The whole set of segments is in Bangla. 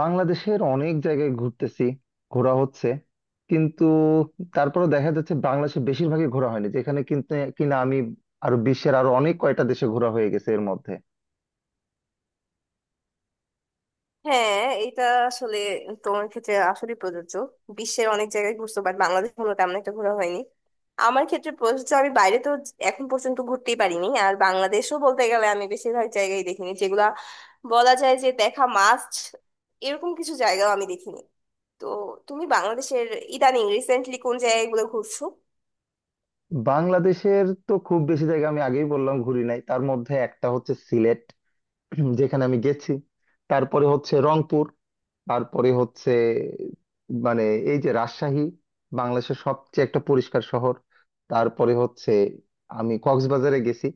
বাংলাদেশের অনেক জায়গায় ঘুরতেছি, ঘোরা হচ্ছে কিন্তু তারপরে দেখা যাচ্ছে বাংলাদেশে বেশিরভাগই ঘোরা হয়নি যেখানে, কিন্তু কিনা আমি আরো বিশ্বের আরো অনেক কয়টা দেশে ঘোরা হয়ে গেছে এর মধ্যে। হ্যাঁ, এটা আসলে তোমার ক্ষেত্রে আসলে প্রযোজ্য। বিশ্বের অনেক জায়গায় ঘুরছো বাট বাংলাদেশ কোনো তেমন একটা ঘোরা হয়নি। আমার ক্ষেত্রে প্রযোজ্য আমি বাইরে তো এখন পর্যন্ত ঘুরতেই পারিনি, আর বাংলাদেশও বলতে গেলে আমি বেশিরভাগ জায়গায় দেখিনি যেগুলা বলা যায় যে দেখা মাস্ট, এরকম কিছু জায়গাও আমি দেখিনি। তো তুমি বাংলাদেশের ইদানিং রিসেন্টলি কোন জায়গাগুলো ঘুরছো? বাংলাদেশের তো খুব বেশি জায়গা আমি আগেই বললাম ঘুরি নাই, তার মধ্যে একটা হচ্ছে সিলেট যেখানে আমি গেছি। তারপরে হচ্ছে রংপুর, তারপরে হচ্ছে, মানে এই যে রাজশাহী, বাংলাদেশের সবচেয়ে একটা পরিষ্কার শহর। তারপরে হচ্ছে, আমি কক্সবাজারে গেছি।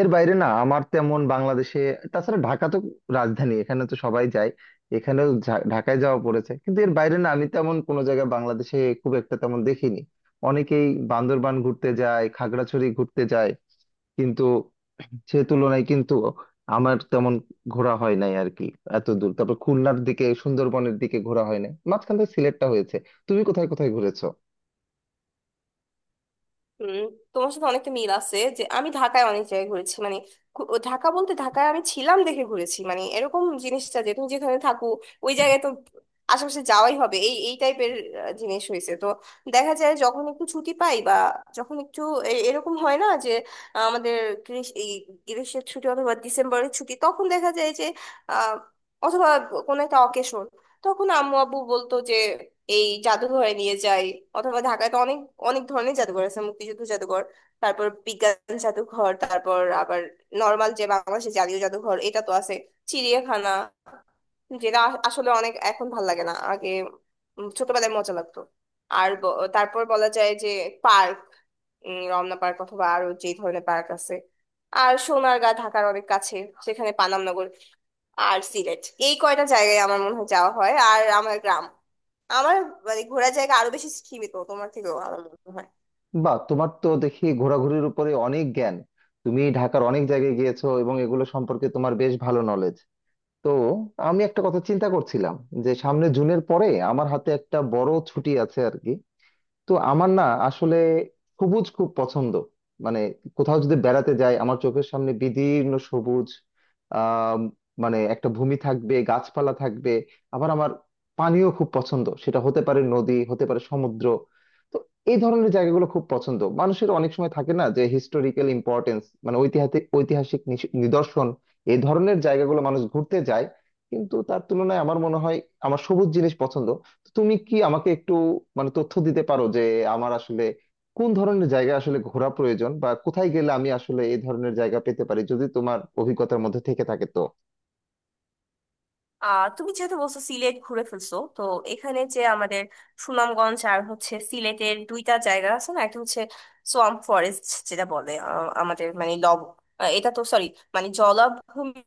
এর বাইরে না আমার তেমন বাংলাদেশে। তাছাড়া ঢাকা তো রাজধানী, এখানে তো সবাই যায়, এখানেও ঢাকায় যাওয়া পড়েছে। কিন্তু এর বাইরে না আমি তেমন কোনো জায়গায় বাংলাদেশে খুব একটা তেমন দেখিনি। অনেকেই বান্দরবান ঘুরতে যায়, খাগড়াছড়ি ঘুরতে যায়, কিন্তু সে তুলনায় কিন্তু আমার তেমন ঘোরা হয় নাই আর কি। এত দূর, তারপর খুলনার দিকে, সুন্দরবনের দিকে ঘোরা হয় নাই, মাঝখান থেকে সিলেটটা হয়েছে। তুমি কোথায় কোথায় ঘুরেছো? হুম, তোমার সাথে অনেকটা মিল আছে যে আমি ঢাকায় অনেক জায়গায় ঘুরেছি। মানে ঘু- ও ঢাকা বলতে ঢাকায় আমি ছিলাম দেখে ঘুরেছি। মানে এরকম জিনিসটা যে তুমি যেখানে থাকো ওই জায়গায় তো আশেপাশে যাওয়াই হবে, এই এই টাইপের জিনিস হয়েছে। তো দেখা যায় যখন একটু ছুটি পাই বা যখন একটু এরকম হয় না যে আমাদের এই গ্রীষ্মের ছুটি অথবা ডিসেম্বরের ছুটি, তখন দেখা যায় যে আহ অথবা কোনো একটা অকেশন, তখন আম্মু আব্বু বলতো যে এই জাদুঘরে নিয়ে যাই। অথবা ঢাকায় তো অনেক অনেক ধরনের জাদুঘর আছে। মুক্তিযুদ্ধ জাদুঘর, তারপর বিজ্ঞান জাদুঘর, তারপর আবার নর্মাল যে বাংলাদেশের জাতীয় জাদুঘর এটা তো আছে। চিড়িয়াখানা, যেটা আসলে অনেক এখন ভাল লাগে না, আগে ছোটবেলায় মজা লাগতো। আর তারপর বলা যায় যে পার্ক, রমনা পার্ক অথবা আরো যে ধরনের পার্ক আছে। আর সোনারগাঁ ঢাকার অনেক কাছে, সেখানে পানাম। আর সিলেট, এই কয়টা জায়গায় আমার মনে হয় যাওয়া হয়। আর আমার গ্রাম, আমার মানে ঘোরার জায়গা আরো বেশি সীমিত তোমার থেকেও আমার মনে হয়। বা তোমার তো দেখি ঘোরাঘুরির উপরে অনেক জ্ঞান, তুমি ঢাকার অনেক জায়গায় গিয়েছো এবং এগুলো সম্পর্কে তোমার বেশ ভালো নলেজ। তো আমি একটা কথা চিন্তা করছিলাম, যে সামনে জুনের পরে আমার হাতে একটা বড় ছুটি আছে আর কি। তো আমার না আসলে সবুজ খুব পছন্দ। মানে কোথাও যদি বেড়াতে যাই আমার চোখের সামনে বিদীর্ণ সবুজ, আহ মানে একটা ভূমি থাকবে, গাছপালা থাকবে। আবার আমার পানিও খুব পছন্দ, সেটা হতে পারে নদী, হতে পারে সমুদ্র। তো এই ধরনের জায়গাগুলো খুব পছন্দ। মানুষের অনেক সময় থাকে না যে হিস্টোরিক্যাল ইম্পর্টেন্স, মানে ঐতিহাসিক ঐতিহাসিক নিশ- নিদর্শন, এই ধরনের জায়গাগুলো মানুষ ঘুরতে যায়। কিন্তু তার তুলনায় আমার মনে হয় আমার সবুজ জিনিস পছন্দ। তুমি কি আমাকে একটু, মানে তথ্য দিতে পারো যে আমার আসলে কোন ধরনের জায়গা আসলে ঘোরা প্রয়োজন, বা কোথায় গেলে আমি আসলে এই ধরনের জায়গা পেতে পারি, যদি তোমার অভিজ্ঞতার মধ্যে থেকে থাকে তো? তুমি যেহেতু বলছো সিলেট ঘুরে ফেলছো, তো এখানে যে আমাদের সুনামগঞ্জ আর হচ্ছে সিলেটের দুইটা জায়গা আছে না, একটা হচ্ছে সোয়াম্প ফরেস্ট, যেটা বলে আমাদের মানে লব এটা তো সরি, মানে জলাভূমির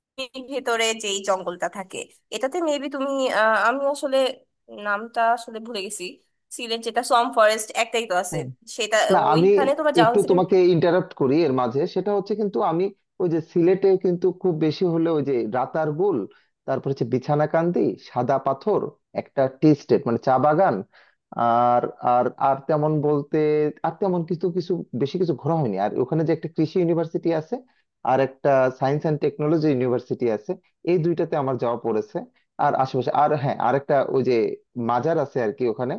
ভেতরে যেই জঙ্গলটা থাকে। এটাতে মেবি তুমি আমি আসলে নামটা আসলে ভুলে গেছি। সিলেট যেটা সোয়াম্প ফরেস্ট একটাই তো আছে, সেটা না আমি ওইখানে তোমার যাওয়া একটু হয়েছে কিনা? তোমাকে ইন্টারাপ্ট করি এর মাঝে, সেটা হচ্ছে কিন্তু আমি ওই যে সিলেটে কিন্তু খুব বেশি হলে ওই যে রাতারগুল, তারপর হচ্ছে বিছানাকান্দি, সাদা পাথর, একটা টি স্টেট মানে চা বাগান, আর আর আর তেমন বলতে, আর তেমন কিছু কিছু বেশি কিছু ঘোরা হয়নি। আর ওখানে যে একটা কৃষি ইউনিভার্সিটি আছে আর একটা সায়েন্স অ্যান্ড টেকনোলজি ইউনিভার্সিটি আছে, এই দুইটাতে আমার যাওয়া পড়েছে। আর আশেপাশে আর হ্যাঁ আরেকটা ওই যে মাজার আছে আর কি ওখানে,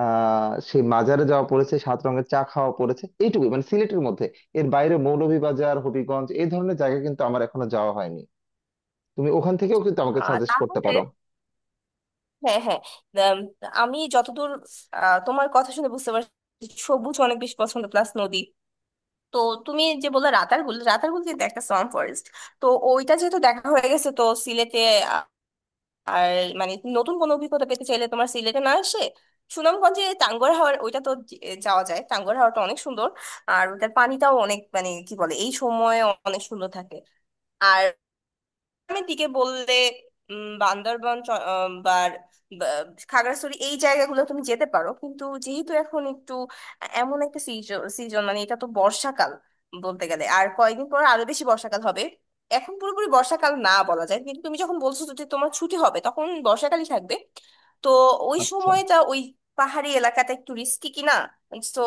সেই মাজারে যাওয়া পড়েছে, সাত রঙের চা খাওয়া পড়েছে, এইটুকুই মানে সিলেটের মধ্যে। এর বাইরে মৌলভীবাজার, হবিগঞ্জ এই ধরনের জায়গা কিন্তু আমার এখনো যাওয়া হয়নি। তুমি ওখান থেকেও কিন্তু আমাকে সাজেস্ট করতে তাহলে পারো। হ্যাঁ, হ্যাঁ। উম, আমি যতদূর তোমার কথা শুনে বুঝতে পারছি সবুজ অনেক বেশি পছন্দ প্লাস নদী। তো তুমি যে বললে রাতারগুল, রাতারগুল কিন্তু একটা সোয়াম্প ফরেস্ট, তো ওইটা যেহেতু দেখা হয়ে গেছে তো সিলেটে আ- আর মানে নতুন কোনো অভিজ্ঞতা পেতে চাইলে তোমার সিলেটে না আসে সুনামগঞ্জে টাঙ্গুয়ার হাওর ওইটা তো যাওয়া যায়। টাঙ্গুয়ার হাওরটা অনেক সুন্দর, আর ওটার পানিটাও অনেক, মানে কি বলে, এই সময়ে অনেক সুন্দর থাকে। আর গ্রামের দিকে বললে বান্দরবান বা বা খাগড়াছড়ি এই জায়গাগুলো তুমি যেতে পারো। কিন্তু যেহেতু এখন একটু এমন একটা সিজন সিজন মানে এটা তো বর্ষাকাল বলতে গেলে, আর কয়েকদিন পর আরো বেশি বর্ষাকাল হবে। এখন পুরোপুরি বর্ষাকাল না বলা যায়, কিন্তু তুমি যখন বলছো যে তোমার ছুটি হবে তখন বর্ষাকালই থাকবে। তো ওই আচ্ছা। সময়টা ওই পাহাড়ি এলাকাটা একটু রিস্কি কিনা, তো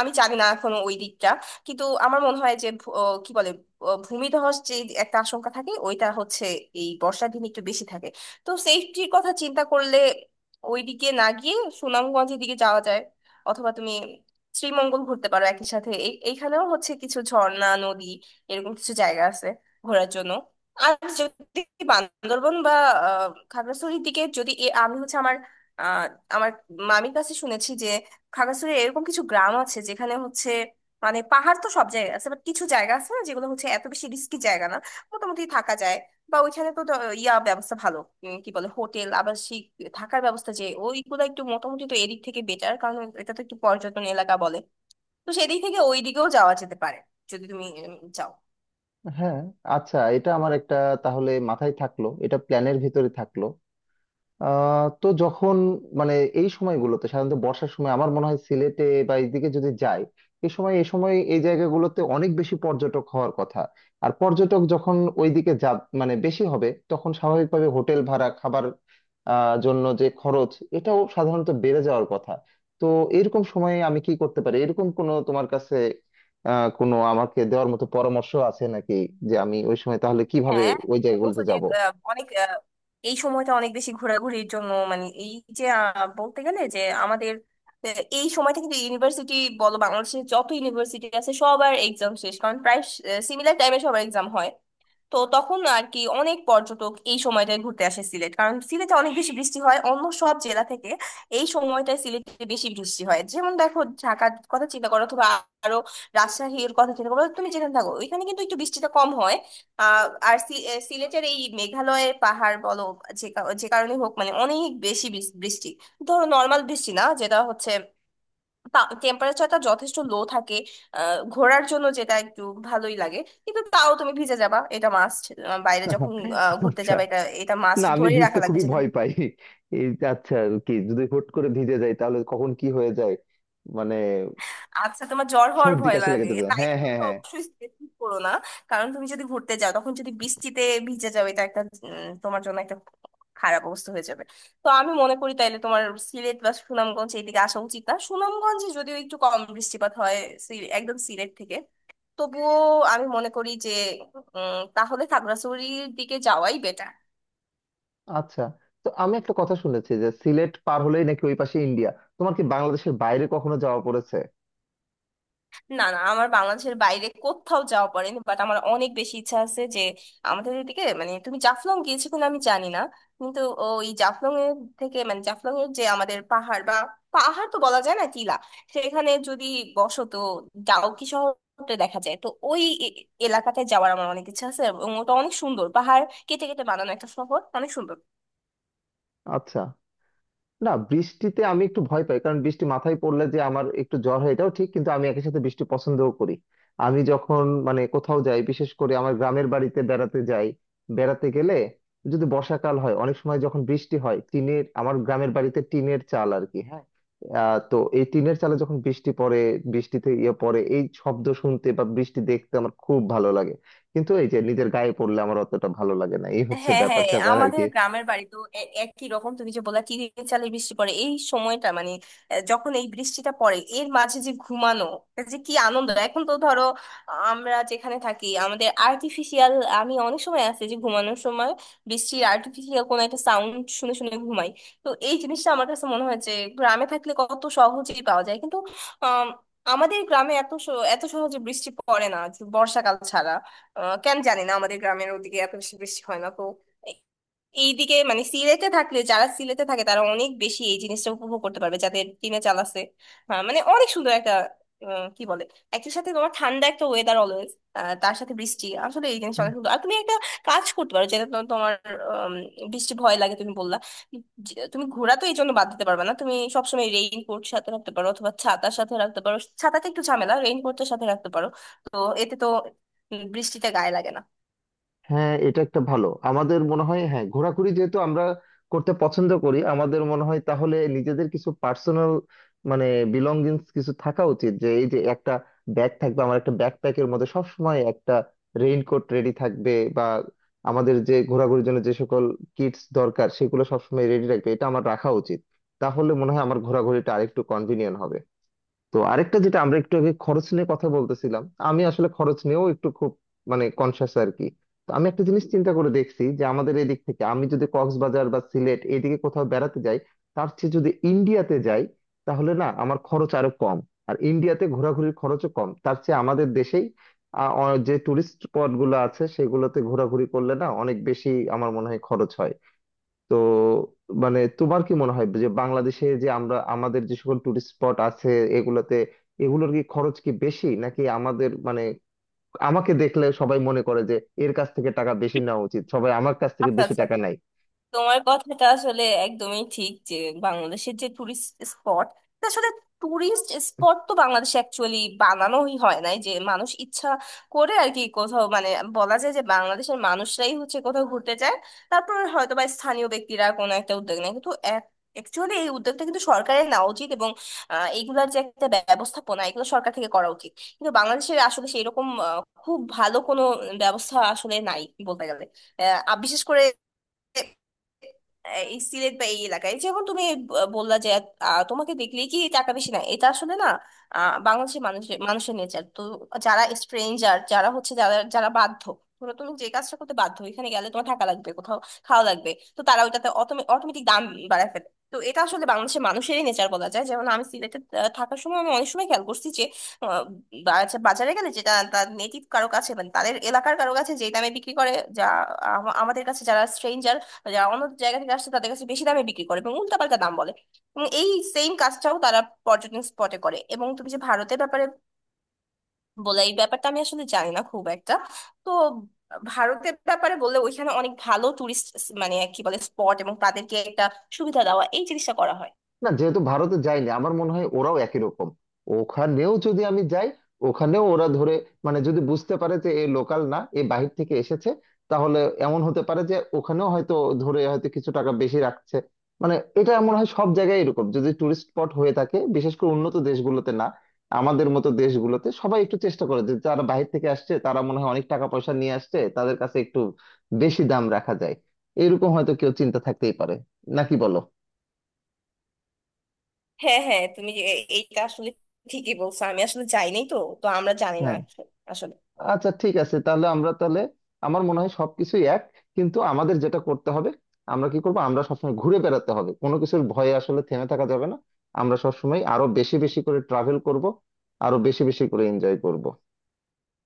আমি জানি না এখনো ওই দিকটা। কিন্তু আমার মনে হয় যে ভু- আহ, কি বলে আহ, ভূমিধস যে একটা আশঙ্কা থাকে ওইটা হচ্ছে এই বর্ষার দিন একটু বেশি থাকে। তো সেফটির কথা চিন্তা করলে ওইদিকে না গিয়ে সুনামগঞ্জের দিকে যাওয়া যায়, অথবা তুমি শ্রীমঙ্গল ঘুরতে পারো। একই সাথে এইখানেও হচ্ছে কিছু ঝর্ণা, নদী, এরকম কিছু জায়গা আছে ঘোরার জন্য। আর যদি বান্দরবন বা খাগড়াছড়ির দিকে যদি আমি হচ্ছে আমার আহ, আমার মামির কাছে শুনেছি যে খাগড়াছড়ির এরকম কিছু গ্রাম আছে যেখানে হচ্ছে মানে পাহাড় তো সব জায়গায় আছে বাট কিছু জায়গা আছে না যেগুলো হচ্ছে এত বেশি রিস্কি জায়গা না, মোটামুটি থাকা যায়। বা ওইখানে তো ইয়া ব্যবস্থা ভালো, কি বলে হোটেল আবাসিক থাকার ব্যবস্থা, যে ওইগুলো একটু মোটামুটি তো এদিক থেকে বেটার, কারণ এটা তো একটু পর্যটন এলাকা বলে। তো সেদিক থেকে ওই দিকেও যাওয়া যেতে পারে যদি তুমি চাও। হ্যাঁ, আচ্ছা, এটা আমার একটা, তাহলে মাথায় থাকলো, এটা প্ল্যানের ভিতরে থাকলো। তো যখন, মানে এই সময়গুলোতে, সাধারণত বর্ষার সময় আমার মনে হয় সিলেটে বা এইদিকে যদি যাই, এই সময় এই জায়গাগুলোতে অনেক বেশি পর্যটক হওয়ার কথা। আর পর্যটক যখন ওইদিকে যা, মানে বেশি হবে, তখন স্বাভাবিকভাবে হোটেল ভাড়া, খাবার জন্য যে খরচ, এটাও সাধারণত বেড়ে যাওয়ার কথা। তো এরকম সময়ে আমি কি করতে পারি, এরকম কোনো তোমার কাছে কোনো আমাকে দেওয়ার মতো পরামর্শ আছে নাকি, যে আমি ওই সময় তাহলে কিভাবে হ্যাঁ, ওই তুমি বলছো জায়গাগুলোতে যে যাব? এই সময়টা অনেক বেশি ঘোরাঘুরির জন্য মানে এই যে বলতে গেলে যে আমাদের এই সময়টা কিন্তু ইউনিভার্সিটি বলো, বাংলাদেশের যত ইউনিভার্সিটি আছে সবার এক্সাম শেষ, কারণ প্রায় সিমিলার টাইমে সবার এক্সাম হয়। তো তখন আর কি অনেক পর্যটক এই সময়টায় ঘুরতে আসে সিলেট, কারণ সিলেটে অনেক বেশি বৃষ্টি হয় অন্য সব জেলা থেকে। এই সময়টায় সিলেটে বেশি বৃষ্টি হয়, যেমন দেখো ঢাকার কথা চিন্তা করো অথবা আরো রাজশাহীর কথা চিন্তা করো, তুমি যেখানে থাকো ওইখানে কিন্তু একটু বৃষ্টিটা কম হয়। আর সিলেটের এই মেঘালয়ের পাহাড় বলো যে যে কারণে হোক মানে অনেক বেশি বৃষ্টি। ধরো নর্মাল বৃষ্টি না, যেটা হচ্ছে টেম্পারেচারটা যথেষ্ট লো থাকে, ঘোরার জন্য যেটা একটু ভালোই লাগে। কিন্তু তাও তুমি ভিজে যাবা, এটা মাস্ট। বাইরে যখন ঘুরতে আচ্ছা। যাবে, এটা এটা না মাস্ট আমি ধরে রাখা ভিজতে লাগবে খুবই যে তুমি। ভয় পাই। এই যে আচ্ছা, কি যদি হুট করে ভিজে যাই তাহলে কখন কি হয়ে যায়, মানে আচ্ছা, তোমার জ্বর হওয়ার সর্দি ভয় কাশি লেগে লাগে যেতে পারে। তাইলে হ্যাঁ, তুমি হ্যাঁ, তো হ্যাঁ। অবশ্যই স্ট্রেস করো না, কারণ তুমি যদি ঘুরতে যাও তখন যদি বৃষ্টিতে ভিজে যাও, এটা একটা তোমার জন্য একটা খারাপ অবস্থা হয়ে যাবে। তো আমি মনে করি তাইলে তোমার সিলেট বা সুনামগঞ্জ এইদিকে আসা উচিত না। সুনামগঞ্জে যদিও একটু কম বৃষ্টিপাত হয় একদম সিলেট থেকে, তবুও আমি মনে করি যে তাহলে খাগড়াছড়ির দিকে যাওয়াই বেটার। আচ্ছা, তো আমি একটা কথা শুনেছি যে সিলেট পার হলেই নাকি ওই পাশে ইন্ডিয়া, তোমার কি বাংলাদেশের বাইরে কখনো যাওয়া পড়েছে? না, না, আমার বাংলাদেশের বাইরে কোথাও যাওয়া পড়েনি, বাট আমার অনেক বেশি ইচ্ছা আছে যে আমাদের এদিকে, মানে তুমি জাফলং গিয়েছো কিনা আমি জানি না। কিন্তু ওই জাফলং এর থেকে মানে জাফলং এর যে আমাদের পাহাড় বা পাহাড় তো বলা যায় না, টিলা, সেখানে যদি বসত ডাউকি শহরটা দেখা যায়, তো ওই এলাকাতে যাওয়ার আমার অনেক ইচ্ছা আছে, এবং ওটা অনেক সুন্দর পাহাড় কেটে কেটে বানানো একটা শহর, অনেক সুন্দর। আচ্ছা। না বৃষ্টিতে আমি একটু ভয় পাই, কারণ বৃষ্টি মাথায় পড়লে যে আমার একটু জ্বর হয় এটাও ঠিক, কিন্তু আমি একই সাথে বৃষ্টি পছন্দও করি। আমি যখন, মানে কোথাও যাই বিশেষ করে আমার গ্রামের বাড়িতে বেড়াতে যাই, বেড়াতে গেলে যদি বর্ষাকাল হয়, অনেক সময় যখন বৃষ্টি হয়, টিনের, আমার গ্রামের বাড়িতে টিনের চাল আর কি, হ্যাঁ। তো এই টিনের চালে যখন বৃষ্টি পড়ে, বৃষ্টিতে ইয়ে পড়ে, এই শব্দ শুনতে বা বৃষ্টি দেখতে আমার খুব ভালো লাগে। কিন্তু এই যে নিজের গায়ে পড়লে আমার অতটা ভালো লাগে না, এই হচ্ছে হ্যাঁ, ব্যাপার হ্যাঁ, স্যাপার আর আমাদের কি। গ্রামের বাড়ি তো একই রকম। তুমি যে বললা চিড়ির চালে বৃষ্টি পড়ে এই সময়টা মানে যখন এই বৃষ্টিটা পড়ে এর মাঝে যে ঘুমানো, এটা যে কি আনন্দ। এখন তো ধরো আমরা যেখানে থাকি আমাদের আর্টিফিশিয়াল, আমি অনেক সময় আছে যে ঘুমানোর সময় বৃষ্টির আর্টিফিশিয়াল কোনো একটা সাউন্ড শুনে শুনে ঘুমাই। তো এই জিনিসটা আমার কাছে মনে হয় যে গ্রামে থাকলে কত সহজেই পাওয়া যায়, কিন্তু আম, আমাদের গ্রামে এত এত সহজে বৃষ্টি পড়ে না বর্ষাকাল ছাড়া। কেন জানি না আমাদের গ্রামের ওদিকে এত বেশি বৃষ্টি হয় না। তো এ- এইদিকে মানে সিলেটে থাকলে, যারা সিলেটে থাকে তারা অনেক বেশি এই জিনিসটা উপভোগ করতে পারবে যাদের টিনে চাল আছে। হ্যাঁ, মানে অনেক সুন্দর একটা কি বলে একই সাথে তোমার ঠান্ডা একটা ওয়েদার অলওয়েজ, তার সাথে বৃষ্টি, আসলে এই জিনিসটা অনেক সুন্দর। আর তুমি একটা কাজ করতে পারো, যেটা তোমার আম, বৃষ্টি ভয় লাগে তুমি বললা, যে তুমি ঘোরা তো এই জন্য বাদ দিতে পারবে না, তুমি সবসময় রেইনকোট সাথে রাখতে পারো অথবা ছাতার সাথে রাখতে পারো। ছাতাটা একটু ঝামেলা, রেইনকোটের সাথে রাখতে পারো। তো এতে তো বৃষ্টিতে গায়ে লাগে না। হ্যাঁ, এটা একটা ভালো আমাদের মনে হয়। হ্যাঁ, ঘোরাঘুরি যেহেতু আমরা করতে পছন্দ করি, আমাদের মনে হয় তাহলে নিজেদের কিছু পার্সোনাল, মানে বিলঙ্গিংস কিছু থাকা উচিত। যে এই যে একটা ব্যাগ থাকবে, আমার একটা ব্যাকপ্যাকের মধ্যে সবসময় একটা রেইনকোট রেডি থাকবে, বা আমাদের যে ঘোরাঘুরির জন্য যে সকল কিটস দরকার সেগুলো সবসময় রেডি রাখবে, এটা আমার রাখা উচিত। তাহলে মনে হয় আমার ঘোরাঘুরিটা আরেকটু কনভিনিয়েন্ট হবে। তো আরেকটা যেটা আমরা একটু আগে খরচ নিয়ে কথা বলতেছিলাম, আমি আসলে খরচ নিয়েও একটু খুব, মানে কনসাস আর কি। তো আমি একটা জিনিস চিন্তা করে দেখছি, যে আমাদের এদিক থেকে আমি যদি কক্সবাজার বা সিলেট এদিকে কোথাও বেড়াতে যাই, তার চেয়ে যদি ইন্ডিয়াতে যাই, তাহলে না আমার খরচ আরো কম, আর ইন্ডিয়াতে ঘোরাঘুরির খরচও কম। তার চেয়ে আমাদের দেশেই যে টুরিস্ট স্পট গুলো আছে সেগুলোতে ঘোরাঘুরি করলে না অনেক বেশি আমার মনে হয় খরচ হয়। তো মানে তোমার কি মনে হয় যে বাংলাদেশে যে আমরা, আমাদের যে সকল টুরিস্ট স্পট আছে এগুলোতে, এগুলোর কি খরচ কি বেশি, নাকি আমাদের মানে আমাকে দেখলে সবাই মনে করে যে এর কাছ থেকে টাকা বেশি নেওয়া উচিত, সবাই আমার কাছ থেকে আচ্ছা, বেশি আচ্ছা, টাকা আচ্ছা। নেয়? তোমার কথাটা আসলে একদমই ঠিক যে বাংলাদেশের যে টুরিস্ট স্পট, আসলে টুরিস্ট স্পট তো বাংলাদেশে অ্যাকচুয়ালি বানানোই হয় নাই, যে মানুষ ইচ্ছা করে আর কি কোথাও, মানে বলা যায় যে বাংলাদেশের মানুষরাই হচ্ছে কোথাও ঘুরতে যায়, তারপর হয়তো বা স্থানীয় ব্যক্তিরা কোনো একটা উদ্যোগ নেয়। কিন্তু অ্যাকচুয়ালি এই উদ্যোগটা কিন্তু সরকারের নেওয়া উচিত, এবং এইগুলার যে একটা ব্যবস্থাপনা এগুলো সরকার থেকে করা উচিত। কিন্তু বাংলাদেশের আসলে সেই রকম খুব ভালো কোনো ব্যবস্থা আসলে নাই বলতে গেলে। আর বিশেষ করে এই সিলেট বা এই এলাকায় যেমন তুমি বললা যে তোমাকে দেখলেই কি টাকা বেশি, না এটা আসলে না। বাংলাদেশের মানুষের মানুষের নেচার তো যারা স্ট্রেঞ্জার, যারা হচ্ছে যারা যারা বাধ্য, ধরো তুমি যে কাজটা করতে বাধ্য এখানে গেলে তোমার টাকা লাগবে, কোথাও খাওয়া লাগবে, তো তারা ওইটাতে অটোমেটিক দাম বাড়ায় ফেলে। তো এটা আসলে বাংলাদেশের মানুষেরই নেচার বলা যায়। যেমন আমি সিলেটে থাকার সময় আমি অনেক সময় খেয়াল করছি যে আহ, বাজারে গেলে যেটা তার নেটিভ কারো কাছে মানে তাদের এলাকার কারো কাছে যে দামে বিক্রি করে, যা আমাদের কাছে যারা স্ট্রেঞ্জার, যারা অন্য জায়গা থেকে আসছে, তাদের কাছে বেশি দামে বিক্রি করে এবং উল্টাপাল্টা দাম বলে। এবং এই সেম কাজটাও তারা পর্যটন স্পটে করে। এবং তুমি যে ভারতের ব্যাপারে বলে, এই ব্যাপারটা আমি আসলে জানি না খুব একটা। তো ভারতের ব্যাপারে বললে ওইখানে অনেক ভালো টুরিস্ট মানে কি বলে স্পট, এবং তাদেরকে একটা সুবিধা দেওয়া এই জিনিসটা করা হয়। না যেহেতু ভারতে যাইনি আমার মনে হয় ওরাও একই রকম। ওখানেও যদি আমি যাই, ওখানেও ওরা ধরে, মানে যদি বুঝতে পারে যে এ লোকাল না, এ বাহির থেকে এসেছে, তাহলে এমন হতে পারে যে ওখানেও হয়তো ধরে হয়তো কিছু টাকা বেশি রাখছে। মানে এটা মনে হয় সব জায়গায় এরকম, যদি টুরিস্ট স্পট হয়ে থাকে, বিশেষ করে উন্নত দেশগুলোতে না, আমাদের মতো দেশগুলোতে সবাই একটু চেষ্টা করে যে যারা বাহির থেকে আসছে তারা মনে হয় অনেক টাকা পয়সা নিয়ে আসছে, তাদের কাছে একটু বেশি দাম রাখা যায়, এরকম হয়তো কেউ চিন্তা থাকতেই পারে, নাকি বলো? হ্যাঁ, হ্যাঁ, তুমি এইটা আসলে ঠিকই বলছো, আমি আসলে যাই নাই তো, তো আমরা জানি না হ্যাঁ, আসলে। আচ্ছা ঠিক আছে, তাহলে আমরা তাহলে আমার মনে হয় সবকিছু এক। কিন্তু আমাদের যেটা করতে হবে, আমরা কি করবো, আমরা সবসময় ঘুরে বেড়াতে হবে, কোনো কিছুর ভয়ে আসলে থেমে থাকা যাবে না। আমরা সবসময় আরো বেশি বেশি করে ট্রাভেল করব, আরো বেশি বেশি করে এনজয় করব।